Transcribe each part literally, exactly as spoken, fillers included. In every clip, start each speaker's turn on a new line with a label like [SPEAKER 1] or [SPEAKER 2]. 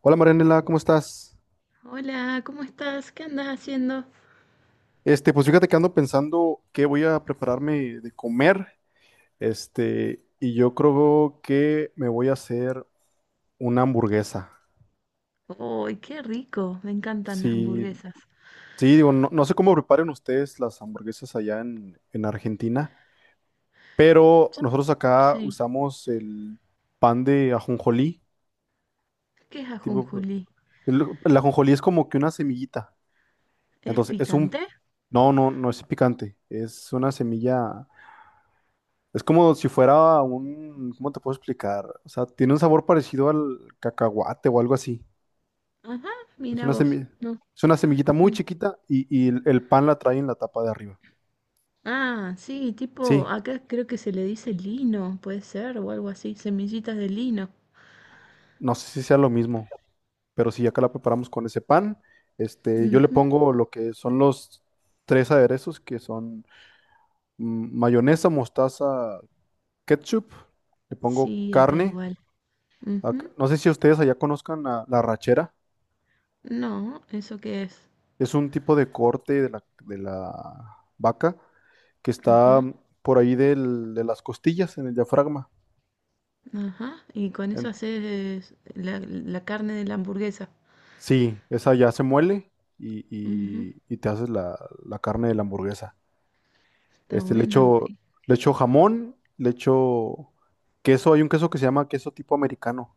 [SPEAKER 1] Hola Marianela, ¿cómo estás?
[SPEAKER 2] Hola, ¿cómo estás? ¿Qué andas haciendo?
[SPEAKER 1] Este, pues fíjate que ando pensando qué voy a prepararme de comer. Este, y yo creo que me voy a hacer una hamburguesa.
[SPEAKER 2] ¡Uy, qué rico! Me encantan las
[SPEAKER 1] Sí,
[SPEAKER 2] hamburguesas.
[SPEAKER 1] sí, digo, no, no sé cómo preparen ustedes las hamburguesas allá en, en Argentina, pero
[SPEAKER 2] Yo-
[SPEAKER 1] nosotros acá
[SPEAKER 2] Sí.
[SPEAKER 1] usamos el pan de ajonjolí.
[SPEAKER 2] ¿Qué es
[SPEAKER 1] Tipo,
[SPEAKER 2] ajonjolí?
[SPEAKER 1] el, el ajonjolí es como que una semillita.
[SPEAKER 2] ¿Es
[SPEAKER 1] Entonces, es
[SPEAKER 2] picante?
[SPEAKER 1] un, no, no, no es picante, es una semilla. Es como si fuera un, ¿Cómo te puedo explicar? O sea, tiene un sabor parecido al cacahuate o algo así.
[SPEAKER 2] Ajá,
[SPEAKER 1] Es
[SPEAKER 2] mira
[SPEAKER 1] una
[SPEAKER 2] vos.
[SPEAKER 1] semilla,
[SPEAKER 2] No,
[SPEAKER 1] es una semillita muy
[SPEAKER 2] no.
[SPEAKER 1] chiquita y, y el, el pan la trae en la tapa de arriba.
[SPEAKER 2] Ah, sí, tipo,
[SPEAKER 1] Sí,
[SPEAKER 2] acá creo que se le dice lino, puede ser, o algo así, semillitas de lino.
[SPEAKER 1] no sé si sea lo mismo, pero sí, acá la preparamos con ese pan. Este, yo le
[SPEAKER 2] Ujú.
[SPEAKER 1] pongo lo que son los tres aderezos, que son mm, mayonesa, mostaza, ketchup. Le pongo
[SPEAKER 2] Sí, acá
[SPEAKER 1] carne.
[SPEAKER 2] igual.
[SPEAKER 1] Ac-
[SPEAKER 2] Ujú.
[SPEAKER 1] No sé si ustedes allá conozcan la la arrachera.
[SPEAKER 2] No, ¿eso qué es?
[SPEAKER 1] Es un tipo de corte de la, de la vaca que está
[SPEAKER 2] Ajá,
[SPEAKER 1] por ahí del- de las costillas, en el diafragma.
[SPEAKER 2] ajá. Y con eso
[SPEAKER 1] En-
[SPEAKER 2] haces la, la carne de la hamburguesa.
[SPEAKER 1] sí, esa ya se muele y,
[SPEAKER 2] Ujú,
[SPEAKER 1] y- y te haces la, la carne de la hamburguesa.
[SPEAKER 2] está
[SPEAKER 1] Este, le
[SPEAKER 2] bueno.
[SPEAKER 1] echo, le echo jamón, le echo queso. Hay un queso que se llama queso tipo americano,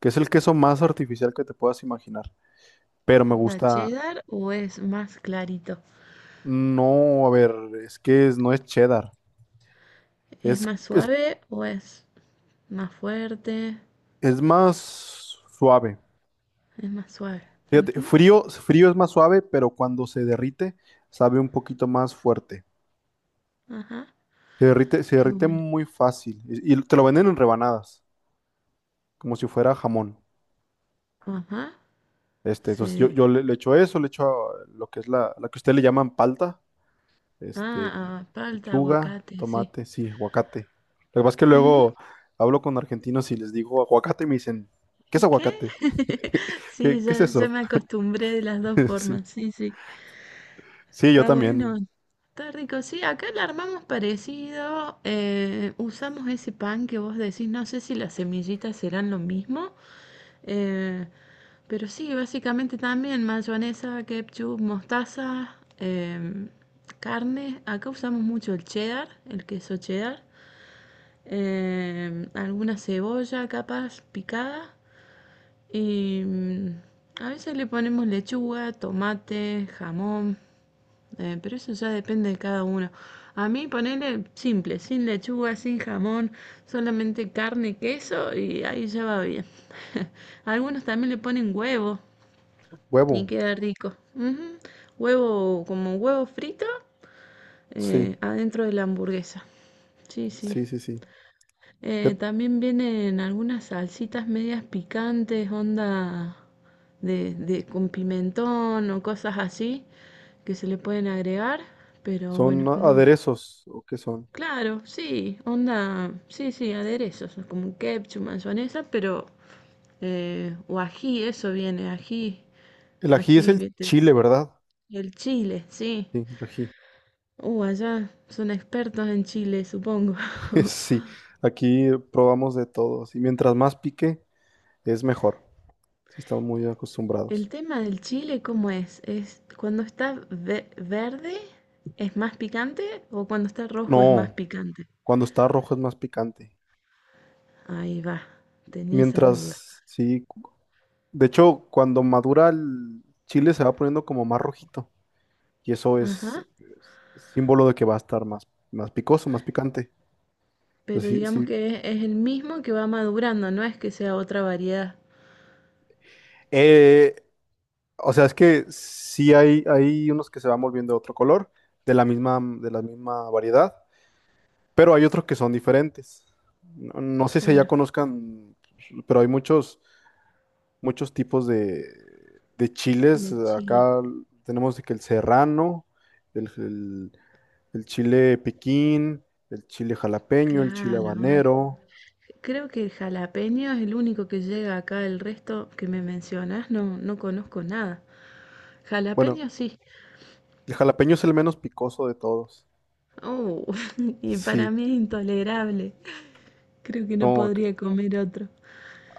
[SPEAKER 1] que es el queso más artificial que te puedas imaginar. Pero me
[SPEAKER 2] ¿Onda
[SPEAKER 1] gusta.
[SPEAKER 2] cheddar o es más clarito?
[SPEAKER 1] No, a ver, es que es- no es cheddar.
[SPEAKER 2] ¿Es
[SPEAKER 1] Es,
[SPEAKER 2] más
[SPEAKER 1] es,
[SPEAKER 2] suave o es más fuerte?
[SPEAKER 1] es más suave.
[SPEAKER 2] Es más suave.
[SPEAKER 1] Fíjate,
[SPEAKER 2] Ujú,
[SPEAKER 1] frío, frío es más suave, pero cuando se derrite, sabe un poquito más fuerte.
[SPEAKER 2] ajá.
[SPEAKER 1] Se derrite, se
[SPEAKER 2] Qué
[SPEAKER 1] derrite
[SPEAKER 2] bueno.
[SPEAKER 1] muy fácil. Y, y te lo venden en rebanadas, como si fuera jamón.
[SPEAKER 2] Ajá.
[SPEAKER 1] Este, entonces yo,
[SPEAKER 2] Sí.
[SPEAKER 1] yo le, le echo eso, le echo ah, lo que es la, la que ustedes le llaman palta,
[SPEAKER 2] Ah,
[SPEAKER 1] este,
[SPEAKER 2] ah, palta,
[SPEAKER 1] lechuga,
[SPEAKER 2] aguacate, sí.
[SPEAKER 1] tomate, sí, aguacate. Lo que pasa es que
[SPEAKER 2] Ujú,
[SPEAKER 1] luego hablo con argentinos y les digo aguacate y me dicen, ¿qué es
[SPEAKER 2] ¿qué?
[SPEAKER 1] aguacate?
[SPEAKER 2] Sí,
[SPEAKER 1] ¿Qué, qué es
[SPEAKER 2] ya, ya
[SPEAKER 1] eso?
[SPEAKER 2] me acostumbré de las dos
[SPEAKER 1] Sí.
[SPEAKER 2] formas. Sí, sí.
[SPEAKER 1] Sí, yo
[SPEAKER 2] Está
[SPEAKER 1] también.
[SPEAKER 2] bueno, está rico. Sí, acá la armamos parecido. Eh, usamos ese pan que vos decís, no sé si las semillitas serán lo mismo. eh, pero sí, básicamente también mayonesa, ketchup, mostaza, em, carne. Acá usamos mucho el cheddar, el queso cheddar. Em, alguna cebolla capaz picada. Y mm, a veces le ponemos lechuga, tomate, jamón, eh, pero eso ya depende de cada uno. A mí ponerle simple, sin lechuga, sin jamón, solamente carne, queso y ahí ya va bien. Algunos también le ponen huevo y
[SPEAKER 1] Huevo.
[SPEAKER 2] queda rico. Ujú. Huevo como huevo frito
[SPEAKER 1] Sí,
[SPEAKER 2] eh, adentro de la hamburguesa. Sí, sí.
[SPEAKER 1] sí, sí, sí.
[SPEAKER 2] Eh, también vienen algunas salsitas medias picantes, onda de, de- con pimentón o cosas así que se le pueden agregar, pero
[SPEAKER 1] Son
[SPEAKER 2] bueno, no.
[SPEAKER 1] aderezos, ¿o qué son?
[SPEAKER 2] Claro, sí, onda, sí, sí, aderezos, como ketchup, mayonesa, pero eh, o ají, eso viene, ají,
[SPEAKER 1] El ají es
[SPEAKER 2] ají,
[SPEAKER 1] el
[SPEAKER 2] viste,
[SPEAKER 1] chile, ¿verdad?
[SPEAKER 2] el chile, sí.
[SPEAKER 1] Sí, el ají.
[SPEAKER 2] Uh, allá son expertos en chile, supongo.
[SPEAKER 1] Sí, aquí probamos de todo. Y mientras más pique, es mejor. Sí, estamos muy
[SPEAKER 2] El
[SPEAKER 1] acostumbrados.
[SPEAKER 2] tema del chile, ¿cómo es? ¿Es cuando está ve- verde es más picante o cuando está rojo es más
[SPEAKER 1] No,
[SPEAKER 2] picante?
[SPEAKER 1] cuando está rojo es más picante.
[SPEAKER 2] Ahí va, tenía esa duda.
[SPEAKER 1] Mientras, sí, cu- de hecho, cuando madura el chile se va poniendo como más rojito. Y eso es,
[SPEAKER 2] Ajá,
[SPEAKER 1] es símbolo de que va a estar más, más picoso, más picante.
[SPEAKER 2] pero
[SPEAKER 1] Entonces, sí,
[SPEAKER 2] digamos
[SPEAKER 1] sí.
[SPEAKER 2] que es, es el mismo que va madurando, no es que sea otra variedad.
[SPEAKER 1] Eh, O sea, es que sí hay, hay unos que se van volviendo de otro color, de la misma, de la misma variedad, pero hay otros que son diferentes. No, no sé si ya
[SPEAKER 2] Claro,
[SPEAKER 1] conozcan, pero hay muchos, muchos tipos de, de chiles.
[SPEAKER 2] de chile.
[SPEAKER 1] Acá tenemos de que el serrano, el, el- el chile piquín, el chile jalapeño, el chile
[SPEAKER 2] Claro, ah,
[SPEAKER 1] habanero.
[SPEAKER 2] creo que el jalapeño es el único que llega acá, el resto que me mencionas no, no conozco nada.
[SPEAKER 1] Bueno,
[SPEAKER 2] Jalapeño sí.
[SPEAKER 1] el jalapeño es el menos picoso de todos.
[SPEAKER 2] Oh, y para
[SPEAKER 1] Sí,
[SPEAKER 2] mí es intolerable. Creo que no
[SPEAKER 1] no,
[SPEAKER 2] podría comer otro.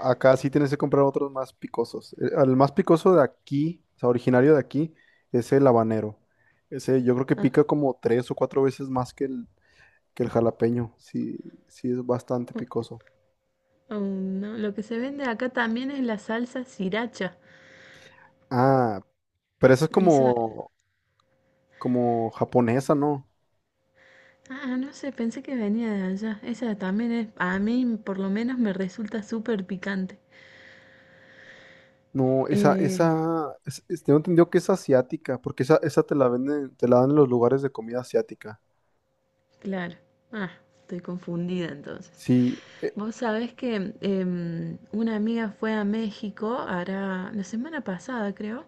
[SPEAKER 1] acá sí tienes que comprar otros más picosos. El, el más picoso de aquí, o sea, originario de aquí, es el habanero. Ese yo creo que
[SPEAKER 2] Ah,
[SPEAKER 1] pica como tres o cuatro veces más que el, que el jalapeño. Sí, sí es bastante
[SPEAKER 2] oh,
[SPEAKER 1] picoso.
[SPEAKER 2] oh, no. Lo que se vende acá también es la salsa sriracha.
[SPEAKER 1] Ah, pero esa es
[SPEAKER 2] Eso,
[SPEAKER 1] como, como japonesa, ¿no?
[SPEAKER 2] ah, no sé, pensé que venía de allá. Esa también es, a mí por lo menos me resulta súper picante.
[SPEAKER 1] No, esa,
[SPEAKER 2] Eh,
[SPEAKER 1] esa, es- es- tengo entendido que es asiática, porque esa, esa te la venden, te la dan en los lugares de comida asiática.
[SPEAKER 2] claro. Ah, estoy confundida entonces.
[SPEAKER 1] Sí, eh,
[SPEAKER 2] Vos sabés que em, una amiga fue a México, hará la semana pasada creo,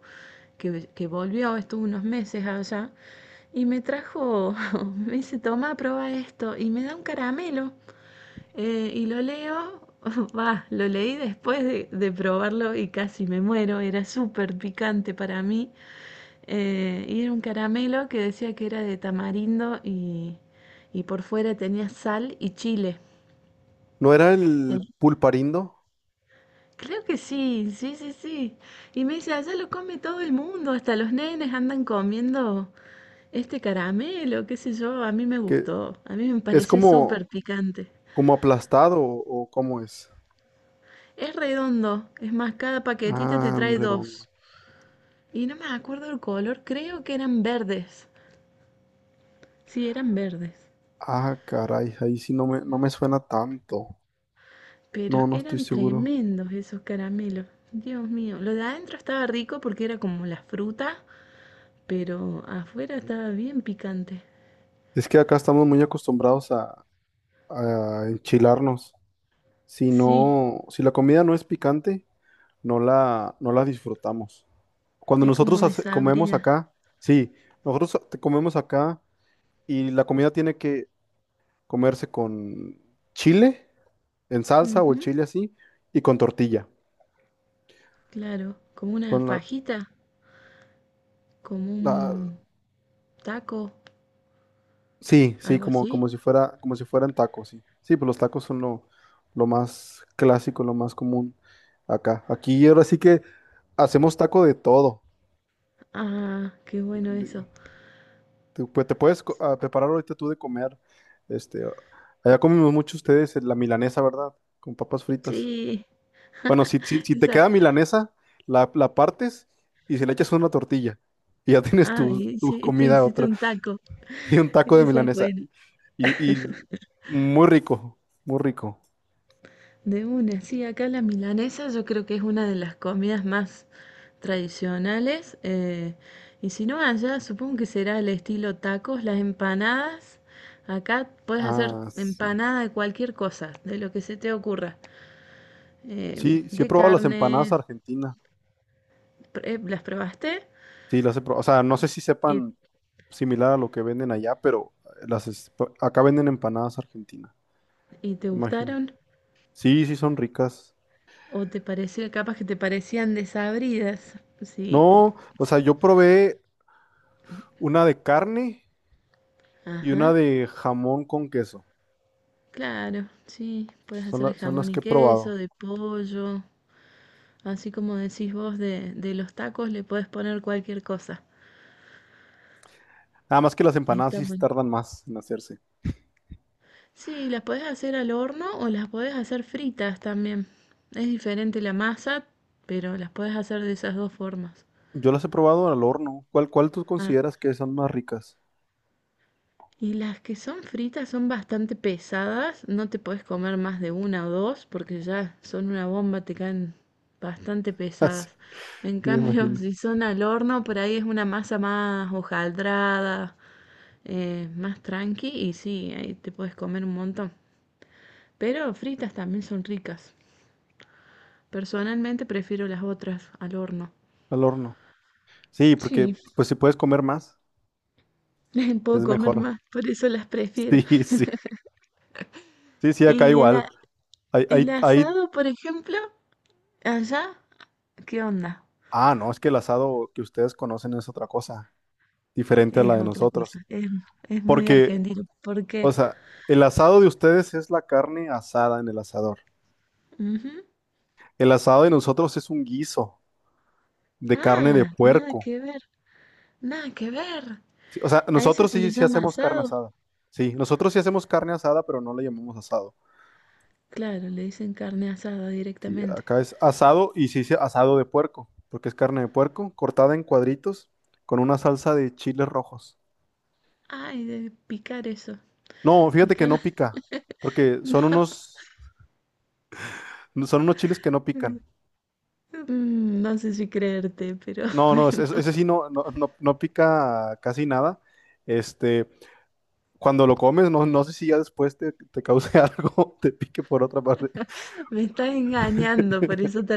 [SPEAKER 2] que, que volvió, estuvo unos meses allá, y me trajo, me dice, toma, prueba esto, y me da un caramelo, eh, y lo leo, va, lo leí después de, de probarlo y casi me muero, era súper picante para mí, eh, y era un caramelo que decía que era de tamarindo y, y por fuera tenía sal y chile.
[SPEAKER 1] ¿no era el pulparindo?
[SPEAKER 2] Creo que sí, sí, sí, sí. Y me dice, allá lo come todo el mundo, hasta los nenes andan comiendo este caramelo, qué sé yo, a mí me
[SPEAKER 1] Que
[SPEAKER 2] gustó, a mí me
[SPEAKER 1] es
[SPEAKER 2] pareció
[SPEAKER 1] como,
[SPEAKER 2] súper picante.
[SPEAKER 1] ¿Como aplastado o, o cómo es?
[SPEAKER 2] Es redondo, es más, cada paquetito te
[SPEAKER 1] Ah, un
[SPEAKER 2] trae
[SPEAKER 1] redondo.
[SPEAKER 2] dos. Y no me acuerdo el color, creo que eran verdes. Sí, eran verdes.
[SPEAKER 1] Ah, caray, ahí sí no me, no me suena tanto.
[SPEAKER 2] Pero
[SPEAKER 1] No, no estoy
[SPEAKER 2] eran
[SPEAKER 1] seguro.
[SPEAKER 2] tremendos esos caramelos. Dios mío, lo de adentro estaba rico porque era como la fruta, pero afuera estaba bien picante.
[SPEAKER 1] Es que acá estamos muy acostumbrados a, a enchilarnos. Si
[SPEAKER 2] Sí,
[SPEAKER 1] no, si la comida no es picante, no la, no la disfrutamos. Cuando
[SPEAKER 2] es
[SPEAKER 1] nosotros
[SPEAKER 2] como
[SPEAKER 1] hace- comemos
[SPEAKER 2] desabrida.
[SPEAKER 1] acá, sí, nosotros te- comemos acá y la comida tiene que comerse con chile en salsa o el
[SPEAKER 2] Ujú,
[SPEAKER 1] chile así y con tortilla.
[SPEAKER 2] claro, como una
[SPEAKER 1] Son la-
[SPEAKER 2] fajita, como
[SPEAKER 1] la-
[SPEAKER 2] un taco,
[SPEAKER 1] Sí, sí,
[SPEAKER 2] algo
[SPEAKER 1] como,
[SPEAKER 2] así.
[SPEAKER 1] como si fuera, como si fueran tacos, sí. Sí, pues los tacos son lo, lo más clásico, lo más común acá. Aquí ahora sí que hacemos taco de todo.
[SPEAKER 2] Ah, qué bueno eso.
[SPEAKER 1] De- te, pues, te puedes co- ah, preparar ahorita tú de comer. Este, Allá comemos mucho ustedes la milanesa, ¿verdad? Con papas fritas.
[SPEAKER 2] Sí,
[SPEAKER 1] Bueno, si, si, si te
[SPEAKER 2] esa.
[SPEAKER 1] queda milanesa, la, la partes y se le echas una tortilla. Y ya tienes
[SPEAKER 2] Ah,
[SPEAKER 1] tu, tu
[SPEAKER 2] sí, te
[SPEAKER 1] comida,
[SPEAKER 2] hiciste
[SPEAKER 1] otra.
[SPEAKER 2] un taco.
[SPEAKER 1] Y un taco de
[SPEAKER 2] Esa es
[SPEAKER 1] milanesa.
[SPEAKER 2] buena.
[SPEAKER 1] Y, y muy rico, muy rico.
[SPEAKER 2] De una, sí, acá la milanesa yo creo que es una de las comidas más tradicionales. Eh, y si no, allá supongo que será el estilo tacos, las empanadas. Acá puedes hacer
[SPEAKER 1] Ah, sí.
[SPEAKER 2] empanada de cualquier cosa, de lo que se te ocurra. eh,
[SPEAKER 1] Sí, sí he
[SPEAKER 2] de
[SPEAKER 1] probado las empanadas
[SPEAKER 2] carne,
[SPEAKER 1] argentinas.
[SPEAKER 2] eh, ¿las probaste?
[SPEAKER 1] Sí, las he probado. O sea, no sé si
[SPEAKER 2] ¿Y,
[SPEAKER 1] sepan similar a lo que venden allá, pero las es- acá venden empanadas argentinas,
[SPEAKER 2] y te
[SPEAKER 1] me imagino.
[SPEAKER 2] gustaron?
[SPEAKER 1] Sí, sí son ricas.
[SPEAKER 2] ¿O te pareció, capaz que te parecían desabridas? Sí,
[SPEAKER 1] No, o sea, yo probé una de carne y una
[SPEAKER 2] ajá,
[SPEAKER 1] de jamón con queso.
[SPEAKER 2] claro, sí, puedes
[SPEAKER 1] Son,
[SPEAKER 2] hacer de
[SPEAKER 1] la- son
[SPEAKER 2] jamón
[SPEAKER 1] las
[SPEAKER 2] y
[SPEAKER 1] que he
[SPEAKER 2] queso,
[SPEAKER 1] probado.
[SPEAKER 2] de pollo, así como decís vos de, de los tacos, le puedes poner cualquier cosa.
[SPEAKER 1] Nada más que las empanadas
[SPEAKER 2] Está
[SPEAKER 1] sí
[SPEAKER 2] bueno.
[SPEAKER 1] tardan más en hacerse.
[SPEAKER 2] Sí, las podés hacer al horno o las podés hacer fritas también. Es diferente la masa, pero las podés hacer de esas dos formas.
[SPEAKER 1] Yo las he probado al horno. ¿Cuál, cuál tú
[SPEAKER 2] Ah,
[SPEAKER 1] consideras que son más ricas?
[SPEAKER 2] y las que son fritas son bastante pesadas, no te puedes comer más de una o dos porque ya son una bomba, te caen bastante
[SPEAKER 1] Sí,
[SPEAKER 2] pesadas. En
[SPEAKER 1] me
[SPEAKER 2] cambio,
[SPEAKER 1] imagino.
[SPEAKER 2] si son al horno, por ahí es una masa más hojaldrada, eh, más tranqui y sí, ahí te puedes comer un montón. Pero fritas también son ricas. Personalmente prefiero las otras al horno.
[SPEAKER 1] Al horno. Sí, porque
[SPEAKER 2] Sí,
[SPEAKER 1] pues si puedes comer más.
[SPEAKER 2] puedo
[SPEAKER 1] Es
[SPEAKER 2] comer
[SPEAKER 1] mejor.
[SPEAKER 2] más, por eso las prefiero.
[SPEAKER 1] Sí, sí. Sí, sí, acá
[SPEAKER 2] Y el,
[SPEAKER 1] igual.
[SPEAKER 2] a-
[SPEAKER 1] Hay,
[SPEAKER 2] el
[SPEAKER 1] hay, hay...
[SPEAKER 2] asado, por ejemplo, allá. ¿Qué onda?
[SPEAKER 1] Ah, no, es que el asado que ustedes conocen es otra cosa,
[SPEAKER 2] E-,
[SPEAKER 1] diferente a la
[SPEAKER 2] Es
[SPEAKER 1] de
[SPEAKER 2] otra cosa,
[SPEAKER 1] nosotros.
[SPEAKER 2] es, es muy
[SPEAKER 1] Porque,
[SPEAKER 2] argentino. ¿Por
[SPEAKER 1] o
[SPEAKER 2] qué?
[SPEAKER 1] sea, el asado de ustedes es la carne asada en el asador.
[SPEAKER 2] Ujú.
[SPEAKER 1] El asado de nosotros es un guiso de carne de
[SPEAKER 2] Ah, nada
[SPEAKER 1] puerco.
[SPEAKER 2] que ver, nada que ver.
[SPEAKER 1] Sí, o sea,
[SPEAKER 2] A eso
[SPEAKER 1] nosotros
[SPEAKER 2] se
[SPEAKER 1] sí,
[SPEAKER 2] le
[SPEAKER 1] sí
[SPEAKER 2] llama
[SPEAKER 1] hacemos carne
[SPEAKER 2] asado.
[SPEAKER 1] asada. Sí, nosotros sí hacemos carne asada, pero no le llamamos asado.
[SPEAKER 2] Claro, le dicen carne asada
[SPEAKER 1] Sí,
[SPEAKER 2] directamente.
[SPEAKER 1] acá es asado y sí, sí, asado de puerco, porque es carne de puerco cortada en cuadritos con una salsa de chiles rojos.
[SPEAKER 2] Ay, de picar eso,
[SPEAKER 1] No, fíjate que
[SPEAKER 2] picar.
[SPEAKER 1] no pica, porque son unos, son unos chiles que no pican.
[SPEAKER 2] No, Mm, no sé si creerte, pero
[SPEAKER 1] No, no, es-
[SPEAKER 2] bueno,
[SPEAKER 1] es- ese, sí. No, no, no, no pica casi nada. Este, Cuando lo comes, no, no sé si ya después te, te cause algo, te pique por otra parte.
[SPEAKER 2] me estás engañando, por eso te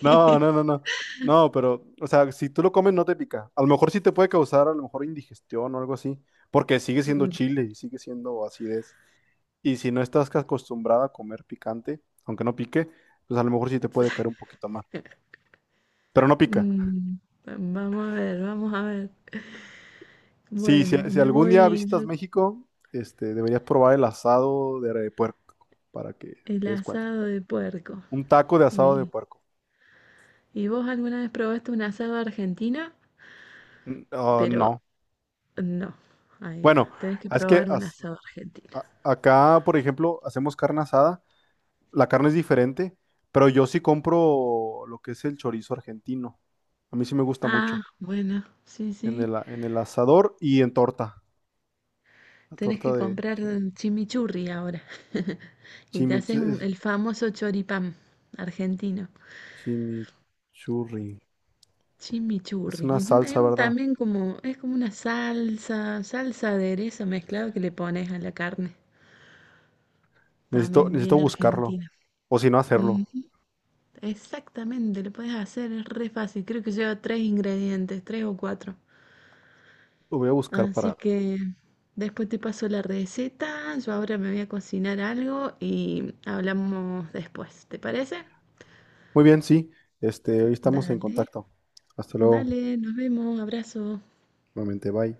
[SPEAKER 1] No, no, no, no. No, pero, o sea, si tú lo comes no te pica. A lo mejor sí te puede causar a lo mejor indigestión o algo así, porque sigue siendo
[SPEAKER 2] Mm,
[SPEAKER 1] chile y sigue siendo acidez. Y si no estás ca- acostumbrada a comer picante, aunque no pique, pues a lo mejor sí te puede caer un poquito mal. Pero no pica.
[SPEAKER 2] mm, vamos a ver, vamos a ver.
[SPEAKER 1] Sí, si,
[SPEAKER 2] Bueno,
[SPEAKER 1] si
[SPEAKER 2] me
[SPEAKER 1] algún día
[SPEAKER 2] voy
[SPEAKER 1] visitas
[SPEAKER 2] yo-
[SPEAKER 1] México, este, deberías probar el asado de re- puerco para que
[SPEAKER 2] el
[SPEAKER 1] te des cuenta.
[SPEAKER 2] asado de puerco.
[SPEAKER 1] Un taco de asado de
[SPEAKER 2] ¿Y,
[SPEAKER 1] puerco.
[SPEAKER 2] y vos alguna vez probaste un asado argentino?
[SPEAKER 1] Mm, ah,
[SPEAKER 2] Pero
[SPEAKER 1] no.
[SPEAKER 2] no, ahí
[SPEAKER 1] Bueno,
[SPEAKER 2] va. Tenés que
[SPEAKER 1] es que
[SPEAKER 2] probar un
[SPEAKER 1] as-
[SPEAKER 2] asado argentino.
[SPEAKER 1] A- acá, por ejemplo, hacemos carne asada. La carne es diferente, pero yo sí compro lo que es el chorizo argentino. A mí sí me gusta mucho.
[SPEAKER 2] Ah, bueno, sí,
[SPEAKER 1] En
[SPEAKER 2] sí.
[SPEAKER 1] el, a- en el asador y en torta. La
[SPEAKER 2] Tenés que
[SPEAKER 1] torta de
[SPEAKER 2] comprar
[SPEAKER 1] chorizo.
[SPEAKER 2] eh, chimichurri ahora. Y te
[SPEAKER 1] Chimich
[SPEAKER 2] haces un-
[SPEAKER 1] Es
[SPEAKER 2] el famoso choripán argentino.
[SPEAKER 1] chimichurri. Es
[SPEAKER 2] Chimichurri.
[SPEAKER 1] una
[SPEAKER 2] Es un- es
[SPEAKER 1] salsa,
[SPEAKER 2] un-
[SPEAKER 1] ¿verdad?
[SPEAKER 2] también como, es como una salsa, salsa aderezo mezclado que le pones a la carne.
[SPEAKER 1] Necesito,
[SPEAKER 2] También
[SPEAKER 1] necesito
[SPEAKER 2] bien
[SPEAKER 1] buscarlo.
[SPEAKER 2] argentina.
[SPEAKER 1] O si no, hacerlo.
[SPEAKER 2] Exactamente, lo puedes hacer, es re fácil. Creo que lleva tres ingredientes, tres o cuatro.
[SPEAKER 1] Lo voy a buscar
[SPEAKER 2] Así
[SPEAKER 1] para...
[SPEAKER 2] que después te paso la receta. Yo ahora me voy a cocinar algo y hablamos después. ¿Te parece?
[SPEAKER 1] Muy bien, sí. Este, hoy estamos en
[SPEAKER 2] Dale,
[SPEAKER 1] contacto. Hasta luego.
[SPEAKER 2] dale, nos vemos, abrazo.
[SPEAKER 1] Nuevamente, bye.